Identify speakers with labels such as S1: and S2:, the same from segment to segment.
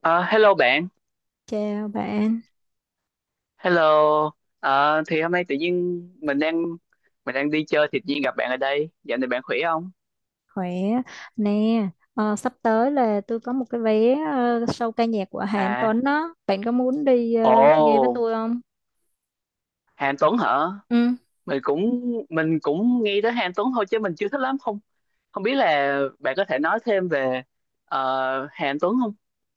S1: Ờ, Hello bạn,
S2: Chào bạn,
S1: hello. Thì hôm nay tự nhiên mình đang đi chơi thì tự nhiên gặp bạn ở đây. Dạo này bạn khỏe không?
S2: khỏe nè. Sắp tới là tôi có một cái vé show ca nhạc của Hà Anh
S1: À,
S2: Tuấn đó. Bạn có muốn đi
S1: ồ,
S2: nghe với tôi không?
S1: Hàn Tuấn hả?
S2: Ừ.
S1: Mình cũng mình cũng nghe tới Hàn Tuấn thôi chứ mình chưa thích lắm không. Không biết là bạn có thể nói thêm về Hàn Tuấn không?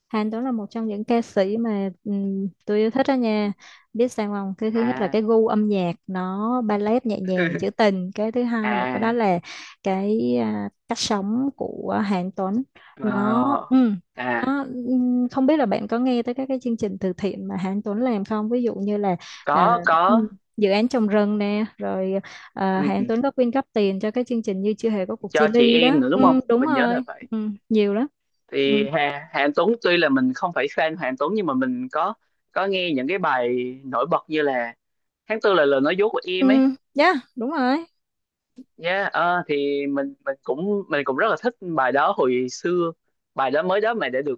S2: Hàn Tuấn là một trong những ca sĩ mà tôi yêu thích đó nha. Biết sao không? Cái thứ nhất là cái
S1: À,
S2: gu âm nhạc nó ballet nhẹ nhàng, trữ tình. Cái thứ hai nữa đó
S1: à,
S2: là cái cách sống của Hàn Tuấn. Nó
S1: ờ,
S2: ừm,
S1: à,
S2: nó không biết là bạn có nghe tới các cái chương trình từ thiện mà Hàn Tuấn làm không? Ví dụ như là à,
S1: có,
S2: ừm, dự án trồng rừng nè, rồi
S1: ừ,
S2: Hàn Tuấn có quyên góp tiền cho cái chương trình như chưa hề có cuộc chia
S1: cho chị
S2: ly
S1: em
S2: đó.
S1: nữa đúng không?
S2: Đúng
S1: Mình nhớ là
S2: rồi.
S1: vậy.
S2: Nhiều lắm.
S1: Thì Hà Anh Tuấn tuy là mình không phải fan Hà Anh Tuấn, nhưng mà mình có nghe những cái bài nổi bật như là tháng tư là lời nói dối của
S2: Ừ,
S1: em ấy.
S2: yeah, đúng rồi.
S1: Yeah, thì mình cũng rất là thích bài đó hồi xưa. Bài đó mới đó mà đã được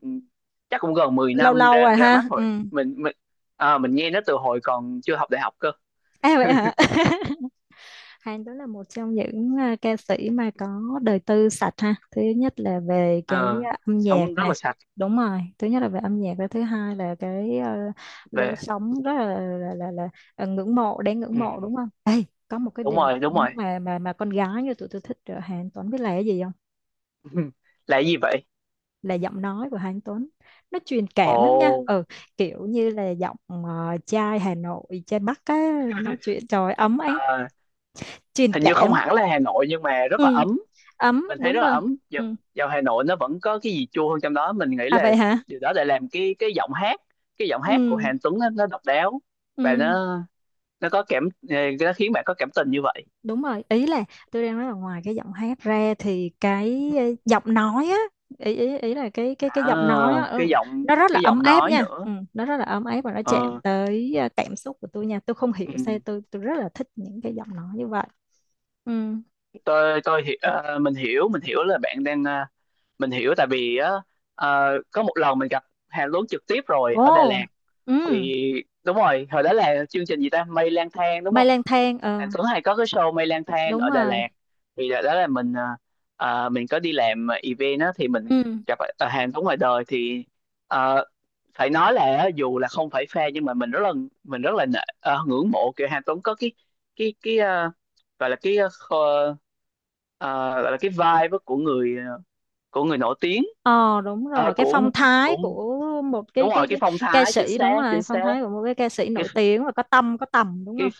S1: chắc cũng gần 10
S2: Lâu
S1: năm
S2: lâu
S1: ra
S2: rồi
S1: ra mắt
S2: ha. Ừ.
S1: rồi. mình mình mình nghe nó từ hồi còn chưa học đại học cơ.
S2: À vậy hả? Hàn đó là một trong những ca sĩ mà có đời tư sạch ha. Thứ nhất là về cái
S1: Ờ,
S2: âm nhạc
S1: Sống rất
S2: nè.
S1: là sạch.
S2: Đúng rồi. Thứ nhất là về âm nhạc và thứ hai là cái lối
S1: Về,
S2: sống rất là ngưỡng mộ, đáng ngưỡng
S1: ừ,
S2: mộ đúng không? Ê, có một cái
S1: đúng
S2: điểm
S1: rồi, đúng rồi.
S2: mà con gái như tụi tôi thích ở Hàn Tuấn biết là cái gì không?
S1: Là cái gì vậy?
S2: Là giọng nói của Hà Anh Tuấn, nó truyền
S1: Ồ,
S2: cảm lắm nha. Ừ, kiểu như là giọng trai Hà Nội, trai Bắc á, nói chuyện trời ơi, ấm áp,
S1: à,
S2: truyền
S1: hình như không
S2: cảm.
S1: hẳn là Hà Nội nhưng mà rất là
S2: Ừ,
S1: ấm.
S2: ấm,
S1: Mình thấy
S2: đúng
S1: rất là
S2: rồi.
S1: ấm. dạo,
S2: Ừ,
S1: dạo Hà Nội nó vẫn có cái gì chua hơn trong đó, mình nghĩ
S2: à
S1: là
S2: vậy hả.
S1: điều đó để làm cái giọng hát, cái giọng hát của
S2: Ừ.
S1: Hàn Tuấn nó độc đáo. Và
S2: ừ
S1: nó có cảm, nó khiến bạn có cảm tình như vậy.
S2: đúng rồi Ý là tôi đang nói là ngoài cái giọng hát ra thì cái giọng nói á, ý ý ý là cái
S1: à,
S2: giọng nói á.
S1: cái
S2: Ừ,
S1: giọng
S2: nó rất là
S1: cái
S2: ấm
S1: giọng
S2: áp
S1: nói
S2: nha. Ừ,
S1: nữa.
S2: nó rất là ấm áp và nó chạm
S1: Ờ,
S2: tới cảm xúc của tôi nha. Tôi không hiểu sao
S1: ừ.
S2: tôi rất là thích những cái giọng nói như vậy. Ừ.
S1: Mình hiểu, mình hiểu là bạn đang, mình hiểu tại vì á, có một lần mình gặp Hàn Tuấn trực tiếp rồi ở Đà
S2: Ồ,
S1: Lạt.
S2: ừ,
S1: Thì đúng rồi, hồi đó là chương trình gì ta, mây lang thang đúng
S2: mây
S1: không?
S2: lang thang, ờ,
S1: Anh Tuấn hay có cái show Mây Lang Thang
S2: đúng
S1: ở Đà
S2: rồi.
S1: Lạt. Thì đó đó là mình, mình có đi làm event đó, thì mình
S2: Ừ,
S1: gặp, hàng Tuấn ngoài đời. Thì ờ, phải nói là á, dù là không phải fan nhưng mà mình rất là ngưỡng mộ, kiểu hàng Tuấn có cái, cái cái ờ, gọi là cái, gọi là cái vibe á của người, của người nổi tiếng.
S2: ờ, đúng rồi, cái phong
S1: Của,
S2: thái
S1: cũng
S2: của một
S1: đúng
S2: cái, cái
S1: rồi, cái
S2: cái
S1: phong
S2: ca
S1: thái chính
S2: sĩ, đúng
S1: xác,
S2: rồi,
S1: chính
S2: phong
S1: xác.
S2: thái của một cái ca sĩ
S1: cái
S2: nổi tiếng và có tâm, có tầm, đúng
S1: cái,
S2: không?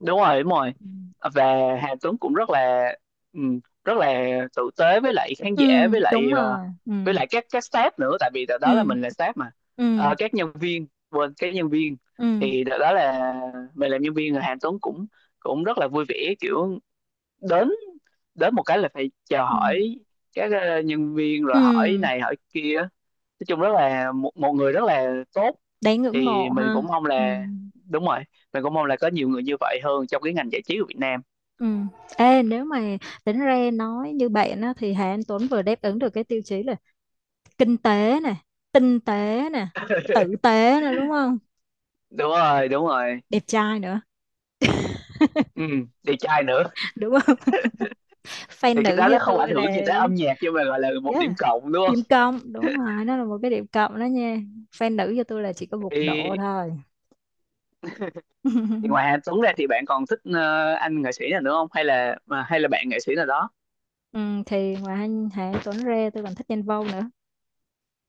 S1: đúng rồi, đúng rồi.
S2: Ừ,
S1: Và Hà Tuấn cũng rất là, rất là tử tế với lại khán
S2: ừ,
S1: giả, với lại
S2: đúng rồi, ừ,
S1: với lại các staff nữa, tại vì đợt đó là
S2: ừ,
S1: mình là staff mà.
S2: ừ,
S1: Ờ, các nhân viên, quên, các nhân viên.
S2: ừ,
S1: Thì đợt đó là mình làm nhân viên, rồi Hà Tuấn cũng cũng rất là vui vẻ, kiểu đến đến một cái là phải chào
S2: ừ,
S1: hỏi các nhân viên rồi hỏi
S2: ừ,
S1: này hỏi kia. Nói chung rất là một, một người rất là tốt.
S2: đáng ngưỡng
S1: Thì
S2: mộ
S1: mình cũng
S2: ha.
S1: mong
S2: Ừ.
S1: là, đúng rồi, mình cũng mong là có nhiều người như vậy hơn trong cái ngành giải trí của Việt Nam.
S2: Ừ. Ê, nếu mà tính ra nói như bạn á, thì Hà Anh Tuấn vừa đáp ứng được cái tiêu chí là kinh tế nè, tinh tế nè, tử tế nè, đúng không?
S1: Đúng rồi, đúng rồi.
S2: Đẹp trai nữa.
S1: Ừ, đẹp trai nữa.
S2: Đúng không, fan
S1: Thì cái
S2: nữ
S1: đó
S2: như
S1: nó không ảnh
S2: tôi
S1: hưởng gì
S2: là
S1: tới âm nhạc nhưng mà gọi là một điểm
S2: yeah,
S1: cộng đúng không?
S2: điểm cộng, đúng rồi, nó là một cái điểm cộng đó nha. Fan nữ cho tôi là chỉ có một độ
S1: thì,
S2: thôi.
S1: thì ngoài Hà Tuấn ra thì bạn còn thích anh nghệ sĩ nào nữa không, hay là bạn nghệ sĩ nào đó?
S2: Ừ, thì ngoài anh Hà Tuấn Rê, tôi còn thích Đen Vâu nữa.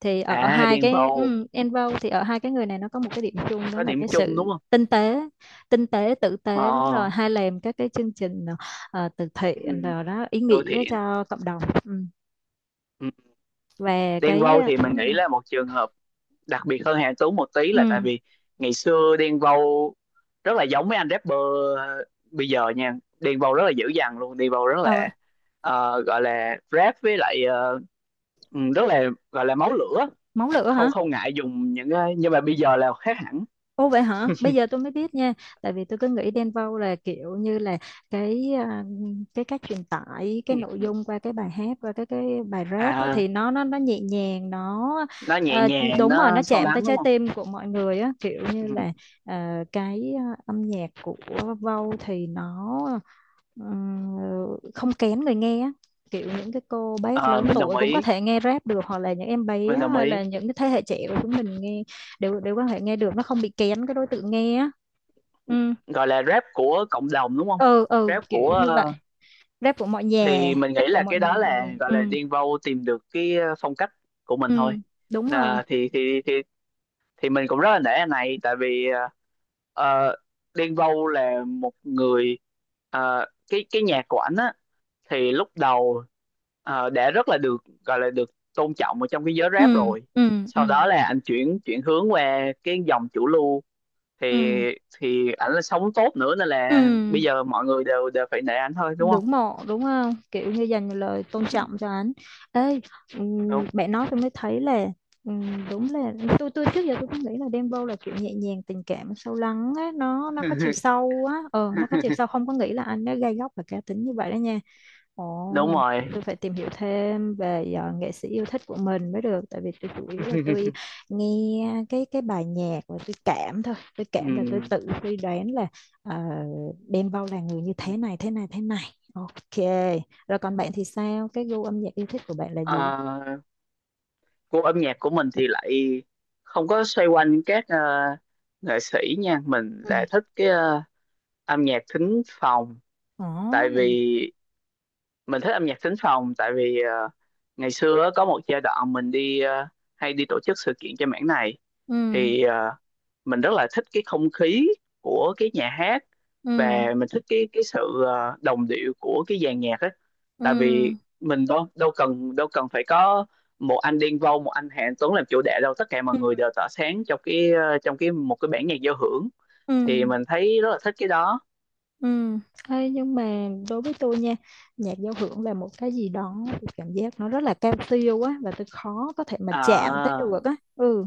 S2: Thì ở
S1: À,
S2: hai
S1: Đen
S2: cái,
S1: Vâu
S2: Đen Vâu, thì ở hai cái người này nó có một cái điểm chung đó
S1: có
S2: là
S1: điểm
S2: cái
S1: chung đúng
S2: sự
S1: không?
S2: tinh tế. Tinh tế, tử
S1: Ờ,
S2: tế, đúng rồi, hay làm các cái chương trình từ thiện
S1: ừ,
S2: rồi đó, ý
S1: Thưa
S2: nghĩa
S1: Thiện,
S2: cho cộng đồng. Ừ.
S1: ừ.
S2: Và
S1: Đen
S2: cái
S1: Vâu thì mình nghĩ là một trường hợp đặc biệt hơn Hà Anh Tú một tí, là tại
S2: ừ,
S1: vì ngày xưa Đen Vâu rất là giống mấy anh rapper ờ, bây giờ nha. Đen Vâu rất là dữ dằn luôn. Đen Vâu rất
S2: ờ,
S1: là, gọi là rap với lại, rất là, gọi là máu lửa.
S2: máu lửa
S1: Không,
S2: hả?
S1: không ngại dùng những cái, nhưng mà bây giờ là khác hẳn.
S2: Ồ vậy hả? Bây giờ tôi mới biết nha. Tại vì tôi cứ nghĩ Đen Vâu là kiểu như là cái cái cách truyền tải cái
S1: Ừ.
S2: nội dung qua cái bài hát, qua cái bài rap á,
S1: À,
S2: thì nó nhẹ nhàng nó
S1: nó nhẹ
S2: ờ,
S1: nhàng,
S2: đúng rồi, nó
S1: nó sâu
S2: chạm tới
S1: lắng
S2: trái
S1: đúng không?
S2: tim của mọi người á, kiểu như
S1: Ừ.
S2: là cái âm nhạc của Vâu thì nó ờ, không kén người nghe á. Kiểu những cái cô bác
S1: Ờ,
S2: lớn
S1: mình đồng
S2: tuổi cũng có
S1: ý,
S2: thể nghe rap được, hoặc là những em bé
S1: mình đồng
S2: hay là
S1: ý.
S2: những cái thế hệ trẻ của chúng mình nghe, để quan hệ nghe được, nó không bị kén cái đối tượng nghe á. ừ
S1: Gọi là rap của cộng đồng đúng không?
S2: ừ ừ
S1: Rap
S2: kiểu
S1: của,
S2: như vậy. Rap của mọi nhà,
S1: thì mình nghĩ
S2: rap của
S1: là
S2: mọi
S1: cái đó
S2: người mọi nhà.
S1: là gọi
S2: Ừ,
S1: là điên vâu tìm được cái, phong cách của mình thôi.
S2: ừ, đúng rồi.
S1: à, thì thì thì thì mình cũng rất là nể anh này, tại vì ờ, điên vô là một người, cái nhạc của ảnh á, thì lúc đầu đã rất là được, gọi là được tôn trọng ở trong cái giới
S2: Ừ,
S1: rap rồi.
S2: ừ, ừ,
S1: Sau đó là anh chuyển chuyển hướng qua cái dòng chủ lưu. thì
S2: ừ,
S1: thì ảnh là sống tốt nữa, nên
S2: ừ,
S1: là bây giờ mọi người đều đều phải nể ảnh thôi đúng không?
S2: ngưỡng mộ đúng không, kiểu như dành lời tôn
S1: Ừ,
S2: trọng cho anh ấy. Ừm,
S1: đúng.
S2: bạn nói tôi mới thấy là đúng là tôi trước giờ tôi cứ nghĩ là Dembow là kiểu nhẹ nhàng, tình cảm, sâu lắng á, nó có chiều sâu á, ờ nó có chiều sâu, không có nghĩ là anh nó gay góc và cá tính như vậy đó nha.
S1: Đúng
S2: Ồ,
S1: rồi.
S2: tôi phải tìm hiểu thêm về nghệ sĩ yêu thích của mình mới được, tại vì tôi chủ yếu là tôi nghe cái bài nhạc và tôi cảm thôi, tôi cảm và tôi
S1: Ừ.
S2: tự suy đoán là ờ, Đen Vâu là người như thế này thế này thế này. Ok, rồi còn bạn thì sao, cái gu âm nhạc yêu thích của bạn là gì?
S1: Ờ, Gu âm nhạc của mình thì lại không có xoay quanh các nghệ sĩ nha. Mình
S2: Ừ.
S1: lại thích cái, âm nhạc thính phòng. Tại
S2: Ồ,
S1: vì mình thích âm nhạc thính phòng tại vì, ngày xưa á, có một giai đoạn mình đi, hay đi tổ chức sự kiện cho mảng này.
S2: ừ,
S1: Thì mình rất là thích cái không khí của cái nhà hát, và mình thích cái sự, đồng điệu của cái dàn nhạc á. Tại vì mình đâu đâu cần phải có một anh Đen Vâu, một anh Hà Anh Tuấn làm chủ đạo đâu, tất cả mọi người đều tỏa sáng trong cái, trong cái một cái bản nhạc giao hưởng. Thì mình thấy rất là thích cái đó.
S2: ừ. Ê, nhưng mà đối với tôi nha, nhạc giao hưởng là một cái gì đó, tôi cảm giác nó rất là cao siêu á, và tôi khó có thể mà chạm tới
S1: À,
S2: được á. Ừ.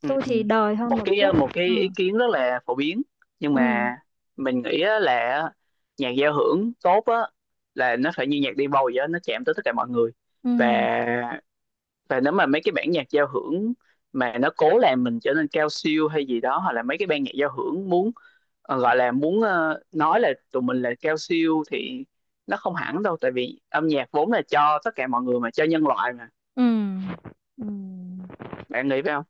S1: ừ,
S2: Tôi
S1: ừ.
S2: thì đời hơn
S1: một
S2: một
S1: cái ờ,
S2: chút.
S1: một cái
S2: Ừ.
S1: ý kiến rất là phổ biến. Nhưng
S2: Ừ,
S1: mà mình nghĩ á, là nhạc giao hưởng tốt á là nó phải như nhạc Đen Vâu vậy đó, nó chạm tới tất cả mọi người.
S2: ừ,
S1: Và và nếu mà mấy cái bản nhạc giao hưởng mà nó cố làm mình trở nên cao siêu hay gì đó, hoặc là mấy cái ban nhạc giao hưởng muốn, gọi là muốn, nói là tụi mình là cao siêu thì nó không hẳn đâu, tại vì âm nhạc vốn là cho tất cả mọi người mà, cho nhân loại mà,
S2: ừ, ừ.
S1: bạn nghĩ phải không?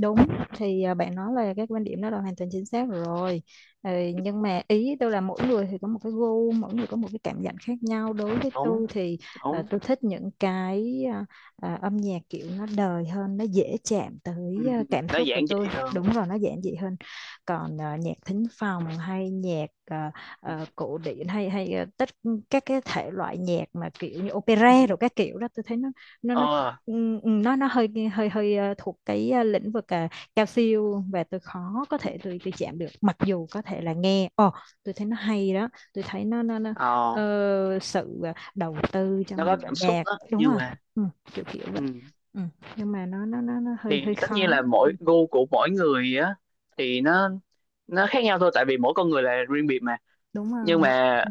S2: Đúng, thì bạn nói là cái quan điểm đó là hoàn toàn chính xác rồi. Ừ, nhưng mà ý tôi là mỗi người thì có một cái gu, mỗi người có một cái cảm nhận khác nhau, đối với
S1: Đúng,
S2: tôi thì
S1: đúng.
S2: tôi thích những cái âm nhạc kiểu nó đời hơn, nó dễ chạm
S1: Ừ,
S2: tới cảm
S1: nó
S2: xúc của
S1: giản
S2: tôi.
S1: dị hơn.
S2: Đúng rồi, nó giản dị hơn. Còn nhạc thính phòng hay nhạc cổ điển hay hay à, tất các cái thể loại nhạc mà kiểu như opera rồi các kiểu đó, tôi thấy nó nó
S1: ờ
S2: Ừ, ừ, nó hơi hơi hơi thuộc cái lĩnh vực cao siêu, và tôi khó có
S1: ừ.
S2: thể, tôi chạm được, mặc dù có thể là nghe ồ tôi thấy nó hay đó, tôi thấy nó nó
S1: ờ
S2: sự đầu tư
S1: nó
S2: trong
S1: có
S2: dàn
S1: cảm xúc
S2: nhạc,
S1: đó
S2: đúng
S1: nhưng
S2: rồi.
S1: mà,
S2: Ừ, kiểu kiểu
S1: ừ.
S2: vậy. Ừ. Nhưng mà nó hơi hơi
S1: Thì tất nhiên là
S2: khó.
S1: mỗi gu của mỗi người á, thì nó khác nhau thôi, tại vì mỗi con người là riêng biệt.
S2: Đúng rồi,
S1: Nhưng
S2: mỗi,
S1: mà
S2: ừ.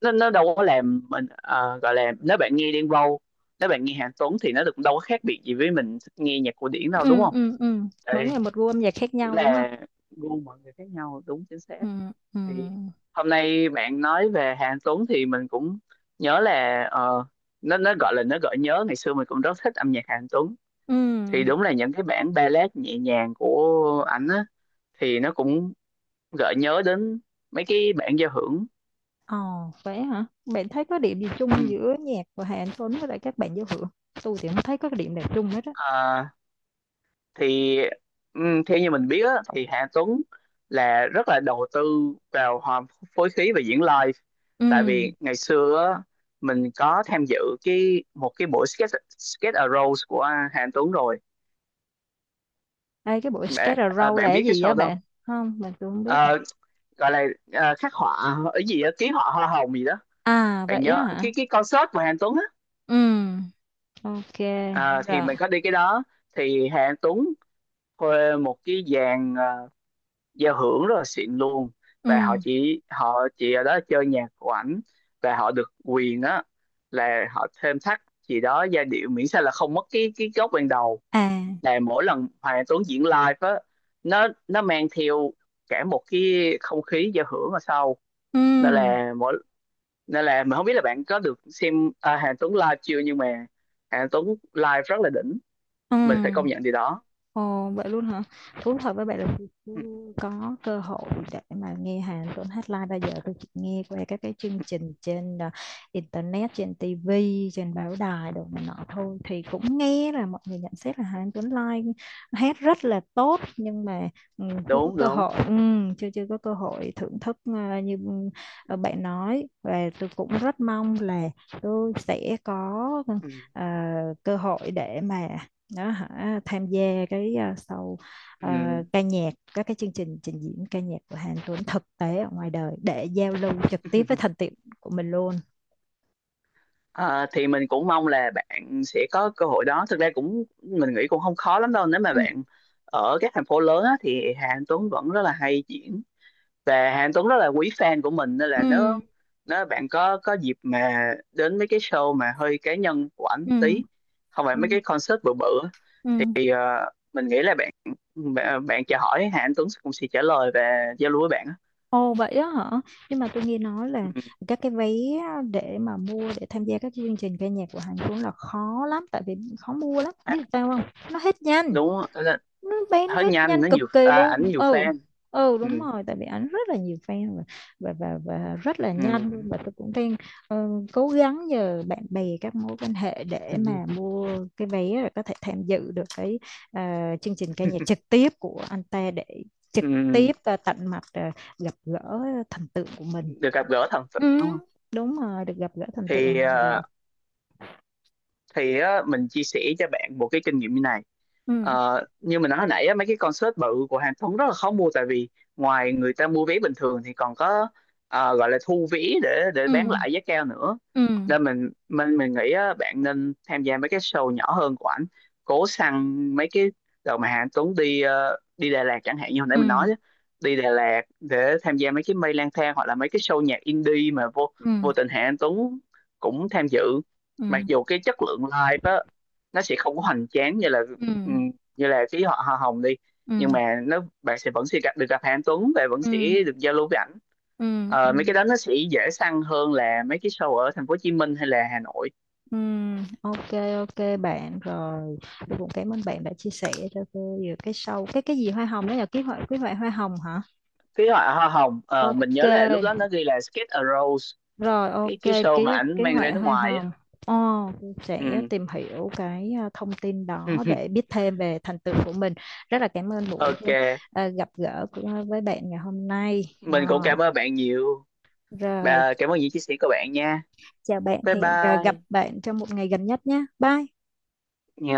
S1: nó đâu có làm mình, gọi là, nếu bạn nghe Đen Vâu, nếu bạn nghe Hà Tuấn thì nó cũng đâu có khác biệt gì với mình thích nghe nhạc cổ điển đâu đúng
S2: Ừ,
S1: không?
S2: ừ, ừ. Mỗi
S1: Ê,
S2: người một gu âm nhạc khác
S1: chỉ
S2: nhau đúng không.
S1: là gu mọi người khác nhau đúng, chính xác.
S2: Ừ, ừ.
S1: Thì hôm nay bạn nói về Hà Tuấn thì mình cũng nhớ là, nó gọi là nó gợi nhớ ngày xưa mình cũng rất thích âm nhạc Hà Tuấn.
S2: Ừ.
S1: Thì đúng là những cái bản ballad nhẹ nhàng của ảnh á, thì nó cũng gợi nhớ đến mấy cái bản giao hưởng.
S2: Ồ, vậy hả? Bạn thấy có điểm gì chung giữa nhạc của Hà Anh Tuấn với lại các bạn giao hưởng? Tôi thì không thấy có cái điểm nào chung hết á.
S1: Ừ. Thì theo như mình biết á, thì Hà Tuấn là rất là đầu tư vào, hòm, phối khí và diễn live.
S2: Ừ.
S1: Tại vì ngày xưa á, mình có tham dự cái một cái buổi, sketch sketch a Rose của Hà Tuấn rồi.
S2: Đây cái buổi
S1: bạn,
S2: Skate a
S1: à,
S2: Row là
S1: bạn
S2: cái
S1: biết cái
S2: gì á
S1: show đó không?
S2: bạn? Không, tôi không biết.
S1: Ờ, Gọi là, khắc họa ở gì đó, ký họa hoa hồng gì đó.
S2: À, vậy
S1: Bạn
S2: á
S1: nhớ
S2: hả?
S1: cái concert của Hà Tuấn á?
S2: Ừ. Ok,
S1: Ờ, thì
S2: rồi.
S1: mình có đi cái đó. Thì Hà Tuấn thuê một cái dàn, giao hưởng rất là xịn luôn,
S2: Ừ.
S1: và họ chỉ ở đó chơi nhạc của ảnh. Và họ được quyền á là họ thêm thắt gì đó giai điệu, miễn sao là không mất cái gốc ban đầu.
S2: À.
S1: Là mỗi lần Hoàng Anh Tuấn diễn live á, nó mang theo cả một cái không khí giao hưởng ở sau.
S2: Ừ.
S1: Nên là mỗi nên là mình không biết là bạn có được xem, Hoàng Anh Tuấn live chưa, nhưng mà Hoàng Anh Tuấn live rất là đỉnh.
S2: Ừ.
S1: Mình phải công nhận điều đó.
S2: Ồ, vậy luôn hả? Thú thật với bạn là tôi chưa
S1: Ừ,
S2: có cơ hội để mà nghe Hàn Tuấn hát live bao giờ, tôi chỉ nghe qua các cái chương trình trên internet, trên TV, trên báo đài đồ này nọ thôi, thì cũng nghe là mọi người nhận xét là Hàn Tuấn live hát rất là tốt, nhưng mà ừ, chưa có
S1: đúng,
S2: cơ
S1: đúng,
S2: hội. Ừ, chưa chưa có cơ hội thưởng thức như ừ, bạn nói, và tôi cũng rất mong là tôi sẽ có
S1: ừ.
S2: à, cơ hội để mà đó hả tham gia cái show
S1: Ừ.
S2: ca nhạc, các cái chương trình trình diễn ca nhạc của Hàn Tuấn thực tế ở ngoài đời để giao lưu trực tiếp với thành tiệu của mình luôn.
S1: Ờ, thì mình cũng mong là bạn sẽ có cơ hội đó. Thực ra cũng mình nghĩ cũng không khó lắm đâu. Nếu mà
S2: Ừ,
S1: bạn ở các thành phố lớn á, thì Hà Anh Tuấn vẫn rất là hay diễn, và Hà Anh Tuấn rất là quý fan của mình. Nên là nếu
S2: ừ,
S1: nếu bạn có dịp mà đến mấy cái show mà hơi cá nhân của ảnh
S2: ừ,
S1: tí, không phải mấy
S2: ừ,
S1: cái concert bự bự á,
S2: ừ,
S1: thì mình nghĩ là bạn bạn, bạn chào hỏi Hà Anh Tuấn cũng sẽ trả lời và giao lưu với bạn á.
S2: ồ vậy đó hả. Nhưng mà tôi nghe nói
S1: Ừ.
S2: là các cái vé để mà mua để tham gia các chương trình ca nhạc của Hàn Tuấn là khó lắm, tại vì khó mua lắm,
S1: À,
S2: biết sao không, nó hết nhanh,
S1: đúng là
S2: nó bán
S1: hết
S2: hết
S1: nhanh.
S2: nhanh cực kỳ luôn.
S1: Ảnh nhiều
S2: Ừ,
S1: fan.
S2: ừ,
S1: Ừ.
S2: đúng rồi, tại vì ảnh rất là nhiều fan, và và rất là
S1: Ừ.
S2: nhanh luôn, và tôi cũng đang ờ, cố gắng nhờ bạn bè, các mối quan hệ để mà mua cái vé, rồi có thể tham dự được cái chương trình ca nhạc trực tiếp của anh ta, để trực
S1: Ừm,
S2: tiếp và tận mặt gặp gỡ thần tượng của mình.
S1: được gặp gỡ thần tượng đúng
S2: Ừ,
S1: không?
S2: đúng rồi, được gặp gỡ thần tượng
S1: Thì
S2: ngoài đời.
S1: ờ, thì á, mình chia sẻ cho bạn một cái kinh nghiệm như này.
S2: Ừ,
S1: Như mình nói hồi nãy á, mấy cái concert bự của Hàn Tuấn rất là khó mua, tại vì ngoài người ta mua vé bình thường thì còn có, gọi là thu vé để
S2: ừ,
S1: bán lại giá cao nữa.
S2: ừ,
S1: Nên mình nghĩ á, bạn nên tham gia mấy cái show nhỏ hơn của ảnh, cố săn mấy cái đợt mà Hàn Tuấn đi, đi Đà Lạt chẳng hạn, như hồi nãy
S2: ừ,
S1: mình nói á, đi Đà Lạt để tham gia mấy cái mây lang thang, hoặc là mấy cái show nhạc indie mà vô
S2: ừ,
S1: vô tình Hàn Tuấn cũng tham dự.
S2: ừ,
S1: Mặc dù cái chất lượng live á nó sẽ không có hoành tráng như là,
S2: ừ,
S1: ừ, như là phí họ hoa hồng đi,
S2: ừ,
S1: nhưng mà nó bạn sẽ vẫn sẽ được gặp Hà Anh Tuấn và vẫn
S2: ừ,
S1: sẽ được giao lưu với ảnh.
S2: ừ,
S1: Mấy
S2: ừ.
S1: cái đó nó sẽ dễ săn hơn là mấy cái show ở thành phố Hồ Chí Minh hay là Hà Nội.
S2: Ok, ok bạn, rồi tôi cũng cảm ơn bạn đã chia sẻ cho tôi về cái sâu cái gì hoa hồng đó, là ký họa, ký họa hoa hồng hả?
S1: Phí họ hoa hồng, mình
S2: Ok,
S1: nhớ là lúc đó nó ghi là Skate a Rose,
S2: rồi,
S1: cái
S2: ok,
S1: cái show mà
S2: ký
S1: ảnh
S2: ký
S1: mang ra
S2: họa
S1: nước
S2: hoa
S1: ngoài á.
S2: hồng. Ồ, tôi sẽ
S1: Ừ.
S2: tìm hiểu cái thông tin đó để biết thêm về thành tựu của mình. Rất là cảm ơn buổi
S1: Ok,
S2: gặp gỡ của, với bạn ngày hôm nay. Ờ,
S1: mình cũng cảm ơn bạn nhiều.
S2: rồi,
S1: Bà, cảm ơn những chia sẻ của bạn nha.
S2: chào bạn,
S1: Bye
S2: hẹn gặp
S1: bye.
S2: bạn trong một ngày gần nhất nhé, bye.
S1: Dạ.